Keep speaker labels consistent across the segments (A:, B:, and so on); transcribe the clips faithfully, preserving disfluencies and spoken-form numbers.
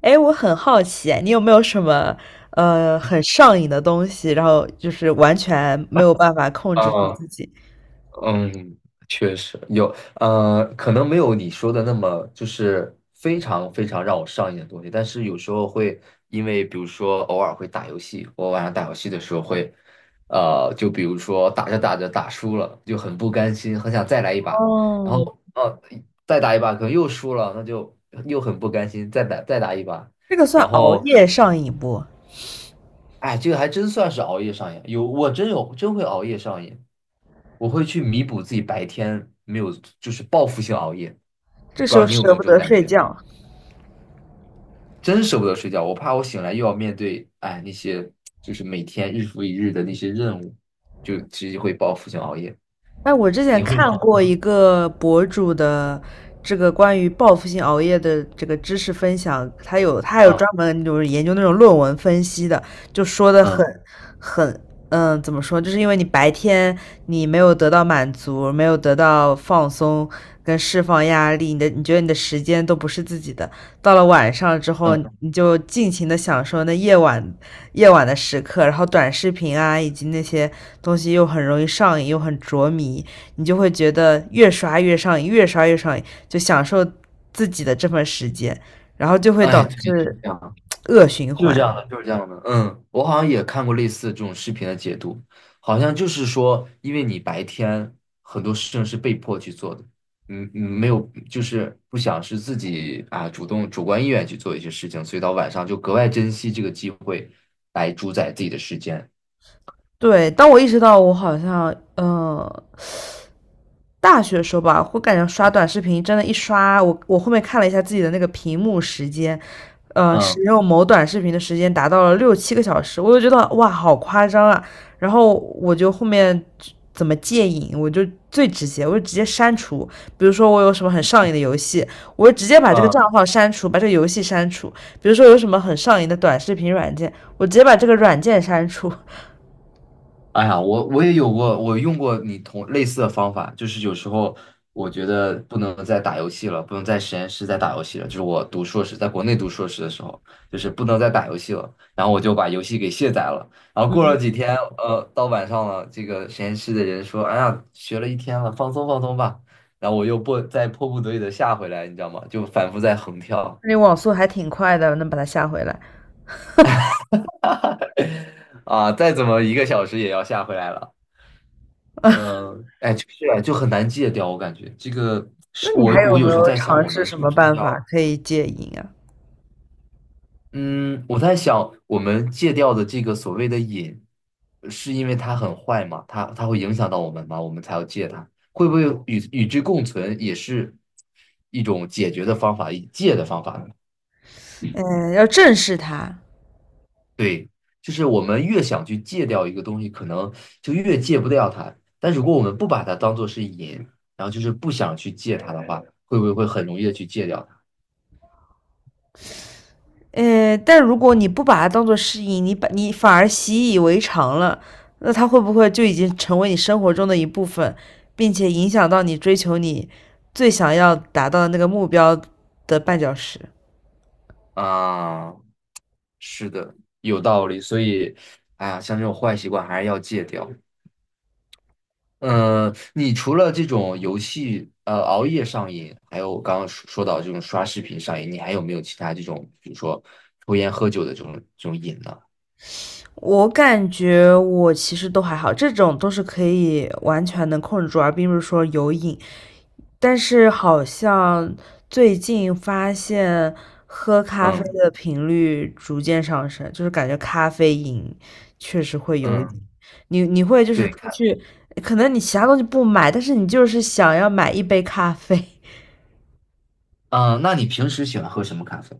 A: 哎，我很好奇，你有没有什么呃很上瘾的东西，然后就是完全没有办法控制住
B: 嗯
A: 自己？
B: 嗯，确实有，呃，可能没有你说的那么就是非常非常让我上瘾的东西，但是有时候会因为，比如说偶尔会打游戏，我晚上打游戏的时候会，呃，就比如说打着打着打输了，就很不甘心，很想再来一把，然
A: 哦，
B: 后呃再打一把可能又输了，那就又很不甘心，再打再打一把，
A: 这个算
B: 然
A: 熬
B: 后
A: 夜上瘾不？
B: 哎，这个还真算是熬夜上瘾，有我真有真会熬夜上瘾。我会去弥补自己白天没有，就是报复性熬夜。不知
A: 这时
B: 道
A: 候
B: 你有没
A: 舍
B: 有
A: 不
B: 这种
A: 得
B: 感
A: 睡
B: 觉？
A: 觉。
B: 真舍不得睡觉，我怕我醒来又要面对，哎，那些就是每天日复一日的那些任务，就直接会报复性熬夜。
A: 哎，我之前
B: 你会
A: 看
B: 吗？
A: 过一个博主的这个关于报复性熬夜的这个知识分享，他有他还有
B: 嗯
A: 专门就是研究那种论文分析的，就说的很
B: 嗯
A: 很嗯，怎么说？就是因为你白天你没有得到满足，没有得到放松跟释放压力，你的你觉得你的时间都不是自己的，到了晚上之后，
B: 嗯，
A: 你就尽情的享受那夜晚夜晚的时刻，然后短视频啊，以及那些东西又很容易上瘾，又很着迷，你就会觉得越刷越上瘾，越刷越上瘾，就享受自己的这份时间，然后就会
B: 哎，
A: 导
B: 对，就
A: 致
B: 这样。
A: 恶循
B: 就是
A: 环。
B: 这样的，就是这样的。嗯，我好像也看过类似这种视频的解读，好像就是说，因为你白天很多事情是被迫去做的，嗯嗯，没有，就是不想是自己啊主动主观意愿去做一些事情，所以到晚上就格外珍惜这个机会来主宰自己的时间。
A: 对，当我意识到我好像，嗯、大学的时候吧，我感觉刷短视频真的，一刷我我后面看了一下自己的那个屏幕时间，呃，使
B: 嗯
A: 用某短视频的时间达到了六七个小时，我就觉得哇，好夸张啊！然后我就后面怎么戒瘾，我就最直接，我就直接删除。比如说我有什么很上瘾的游戏，我就直接把这个
B: 嗯，
A: 账号删除，把这个游戏删除。比如说有什么很上瘾的短视频软件，我直接把这个软件删除。
B: 哎呀，我我也有过，我用过你同类似的方法，就是有时候我觉得不能再打游戏了，不能在实验室再打游戏了。就是我读硕士，在国内读硕士的时候，就是不能再打游戏了，然后我就把游戏给卸载了。然后过了几天，呃，到晚上了，这个实验室的人说：“哎呀，学了一天了，放松放松吧。”然后我又迫再迫不得已的下回来，你知道吗？就反复在横跳。
A: 那网速还挺快的，能把它下回来。
B: 啊，再怎么一个小时也要下回来了。呃，哎，就是啊就很难戒掉，我感觉这个
A: 那
B: 是
A: 你
B: 我
A: 还有
B: 我
A: 没
B: 有时候
A: 有
B: 在想，
A: 尝
B: 我
A: 试
B: 们是
A: 什
B: 不
A: 么
B: 是
A: 办法
B: 要，
A: 可以戒瘾啊？
B: 嗯，我在想，我们戒掉的这个所谓的瘾，呃是因为它很坏嘛，它它会影响到我们嘛，我们才要戒它，会不会与与之共存也是一种解决的方法，一戒的方法呢？
A: 嗯，要正视它。
B: 对，就是我们越想去戒掉一个东西，可能就越戒不掉它，但如果我们不把它当做是瘾，然后就是不想去戒它的话，会不会会很容易的去戒掉它？
A: 呃，但如果你不把它当做适应，你把你反而习以为常了，那它会不会就已经成为你生活中的一部分，并且影响到你追求你最想要达到的那个目标的绊脚石？
B: 啊，是的，有道理。所以，哎呀，像这种坏习惯还是要戒掉。嗯，你除了这种游戏，呃，熬夜上瘾，还有我刚刚说说到这种刷视频上瘾，你还有没有其他这种，比如说抽烟喝酒的这种这种瘾呢？
A: 我感觉我其实都还好，这种都是可以完全能控制住，而并不是说有瘾。但是好像最近发现喝咖啡
B: 嗯
A: 的频率逐渐上升，就是感觉咖啡瘾确实会有瘾。
B: 嗯，
A: 你你会就是
B: 对，
A: 出
B: 看，
A: 去，可能你其他东西不买，但是你就是想要买一杯咖啡。
B: 嗯，那你平时喜欢喝什么咖啡？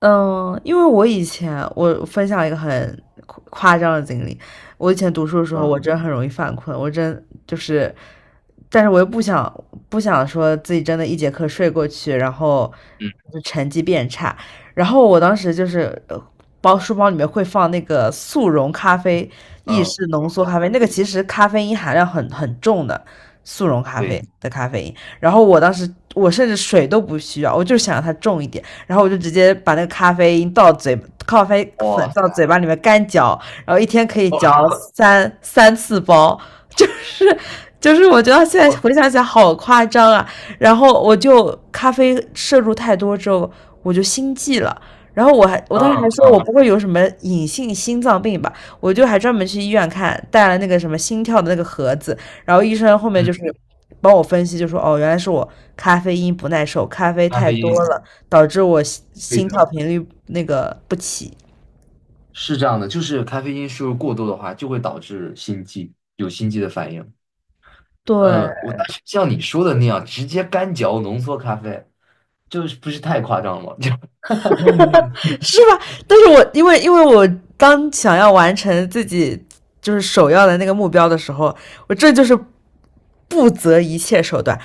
A: 嗯，因为我以前我分享一个很夸夸张的经历，我以前读书的时候，我
B: 嗯
A: 真的很容易犯困，我真就是，但是我又不想不想说自己真的一节课睡过去，然后
B: 嗯
A: 就成绩变差，然后我当时就是呃包书包里面会放那个速溶咖啡，意
B: 嗯，
A: 式
B: 这
A: 浓
B: 种
A: 缩
B: 咖
A: 咖啡，那
B: 啡，
A: 个其实咖啡因含量很很重的速溶咖啡
B: 对，
A: 的咖啡因，然后我当时我甚至水都不需要，我就想让它重一点。然后我就直接把那个咖啡因倒嘴，咖啡粉
B: 哇
A: 到嘴
B: 塞，
A: 巴里面干嚼，然后一天可以
B: 哦，
A: 嚼三三次包，就是就是我觉得现在回想起来好夸张啊。然后我就咖啡摄入太多之后，我就心悸了。然后我还我当时还
B: 嗯
A: 说我
B: 嗯
A: 不会有什么隐性心脏病吧，我就还专门去医院看，带了那个什么心跳的那个盒子，然后医生后面
B: 嗯，
A: 就是帮我分析，就说哦，原来是我咖啡因不耐受，咖啡
B: 咖
A: 太
B: 啡
A: 多
B: 因。
A: 了，导致我心心
B: 对，
A: 跳频率那个不齐。
B: 是这样的，就是咖啡因摄入过多的话，就会导致心悸，有心悸的反应。
A: 对，
B: 呃，我但是像你说的那样，直接干嚼浓缩咖啡，就是不是太夸张了吗？就
A: 是吧？但是我因为因为我当想要完成自己就是首要的那个目标的时候，我这就是不择一切手段。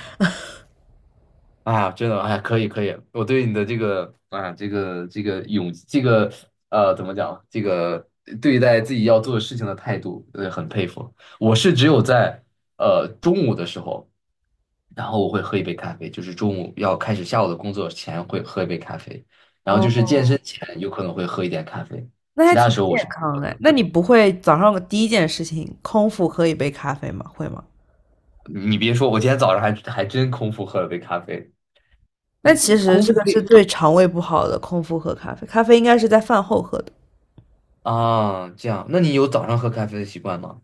B: 啊，真的，哎，可以可以，我对你的这个啊，这个这个勇，这个呃，怎么讲，这个对待自己要做的事情的态度，呃，很佩服。我是只有在呃中午的时候，然后我会喝一杯咖啡，就是中午要开始下午的工作前会喝一杯咖啡，然后就是健
A: 哦，
B: 身前有可能会喝一点咖啡，
A: 那
B: 其
A: 还
B: 他的
A: 挺
B: 时候我
A: 健
B: 是，
A: 康哎。那你不会早上第一件事情空腹喝一杯咖啡吗？会吗？
B: 你别说，我今天早上还还真空腹喝了杯咖啡。
A: 那其实
B: 空
A: 这
B: 腹
A: 个是对肠胃不好的，空腹喝咖啡，咖啡应该是在饭后喝的。
B: 啊，这样，那你有早上喝咖啡的习惯吗？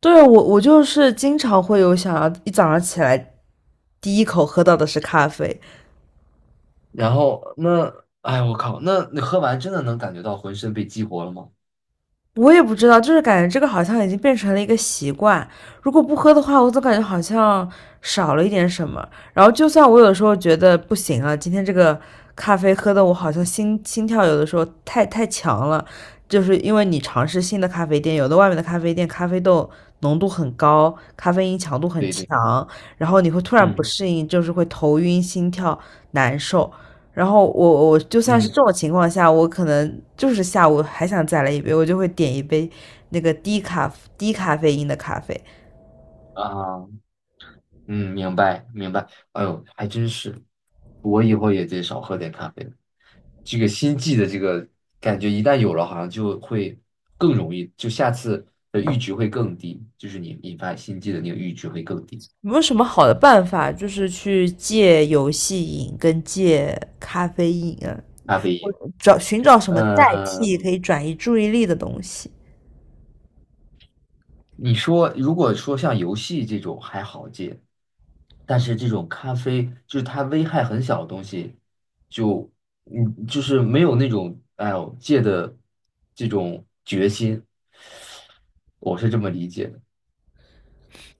A: 对，我我就是经常会有想要一早上起来第一口喝到的是咖啡，
B: 然后那，哎，我靠，那你喝完真的能感觉到浑身被激活了吗？
A: 我也不知道，就是感觉这个好像已经变成了一个习惯。如果不喝的话，我总感觉好像少了一点什么。然后，就算我有的时候觉得不行了，今天这个咖啡喝的我好像心心跳有的时候太太强了，就是因为你尝试新的咖啡店，有的外面的咖啡店咖啡豆浓度很高，咖啡因强度很
B: 对对，
A: 强，然后你会突然不
B: 嗯
A: 适应，就是会头晕、心跳难受。然后我我就算是这
B: 嗯
A: 种情况下，我可能就是下午还想再来一杯，我就会点一杯那个低咖低咖啡因的咖啡。
B: 啊，嗯，明白明白。哎呦，还真是，我以后也得少喝点咖啡了。这个心悸的这个感觉，一旦有了，好像就会更容易，就下次的阈值会更低，就是你引发心悸的那个阈值会更低。
A: 有没有什么好的办法，就是去戒游戏瘾跟戒咖啡因啊？
B: 咖啡
A: 我
B: 因，
A: 找寻找什么代
B: 呃，
A: 替可以转移注意力的东西。
B: 你说如果说像游戏这种还好戒，但是这种咖啡就是它危害很小的东西，就嗯就是没有那种哎呦戒的这种决心，我是这么理解的。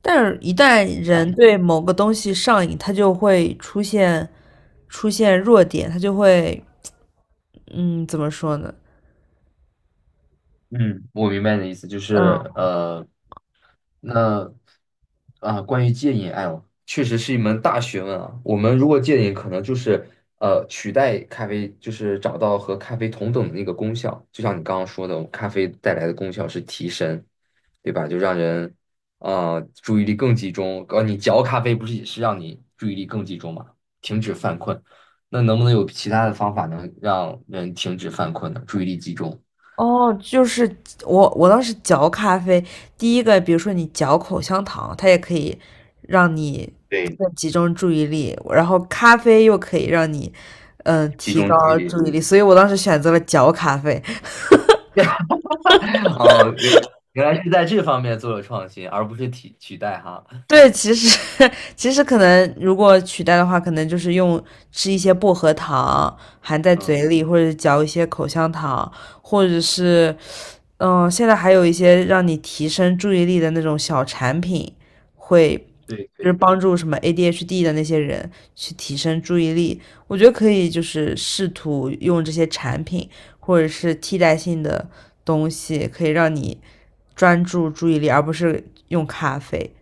A: 但是，一旦人
B: 哎，
A: 对某个东西上瘾，他就会出现出现弱点，他就会，嗯，怎么说呢？
B: 嗯，我明白你的意思，就是
A: 嗯，
B: 呃，那啊、关于戒瘾爱哦确实是一门大学问啊。我们如果戒瘾，可能就是呃，取代咖啡，就是找到和咖啡同等的那个功效。就像你刚刚说的，咖啡带来的功效是提神，对吧？就让人啊、呃注意力更集中。呃，你嚼咖啡不是也是让你注意力更集中嘛，停止犯困。那能不能有其他的方法能让人停止犯困呢？注意力集中。
A: 哦，就是我我当时嚼咖啡，第一个比如说你嚼口香糖，它也可以让你
B: 对，
A: 更集中注意力，然后咖啡又可以让你嗯
B: 集
A: 提
B: 中注意
A: 高
B: 力。
A: 注意力，所以我当时选择了嚼咖啡。
B: 哦，原来原来是在这方面做了创新，而不是替取代哈。
A: 对，其实 其实可能如果取代的话，可能就是用吃一些薄荷糖含在嘴
B: 嗯，
A: 里，或者嚼一些口香糖，或者是嗯，现在还有一些让你提升注意力的那种小产品，会
B: 对
A: 就是
B: 对，
A: 帮助什么 A D H D 的那些人去提升注意力。我觉得可以，就是试图用这些产品或者是替代性的东西，可以让你专注注意力，而不是用咖啡。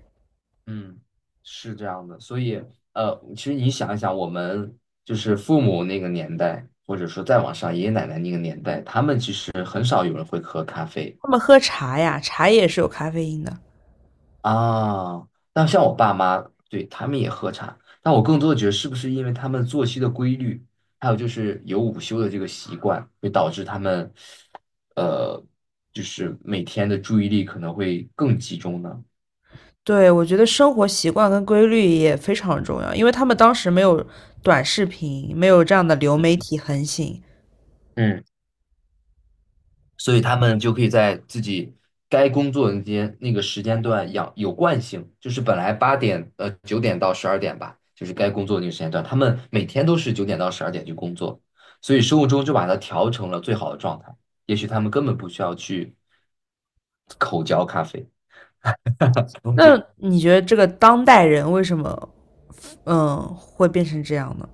B: 嗯，是这样的。所以呃，其实你想一想，我们就是父母那个年代，或者说再往上爷爷奶奶那个年代，他们其实很少有人会喝咖啡。
A: 他们喝茶呀，茶也是有咖啡因的。
B: 啊，那像我爸妈，对，他们也喝茶，但我更多的觉得是不是因为他们作息的规律，还有就是有午休的这个习惯，会导致他们，呃，就是每天的注意力可能会更集中呢？
A: 对，我觉得生活习惯跟规律也非常重要，因为他们当时没有短视频，没有这样的流媒体横行，
B: 嗯。所以他们就可以在自己该工作的那间那个时间段养有惯性，就是本来八点呃九点到十二点吧，就是该工作的那个时间段，他们每天都是九点到十二点去工作，所以生物钟就把它调成了最好的状态。也许他们根本不需要去口嚼咖啡。
A: 那
B: 嗯
A: 你觉得这个当代人为什么嗯会变成这样呢？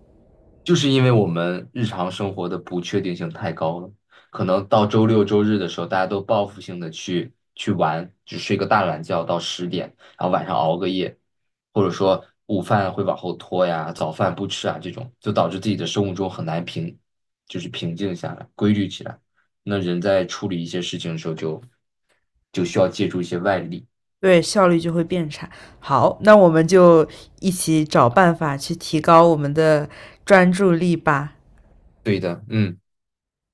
B: 就是因为我们日常生活的不确定性太高了，可能到周六周日的时候，大家都报复性的去去玩，只睡个大懒觉到十点，然后晚上熬个夜，或者说午饭会往后拖呀，早饭不吃啊，这种就导致自己的生物钟很难平，就是平静下来，规律起来。那人在处理一些事情的时候就就需要借助一些外力。
A: 对，效率就会变差。好，那我们就一起找办法去提高我们的专注力吧。
B: 对的，嗯。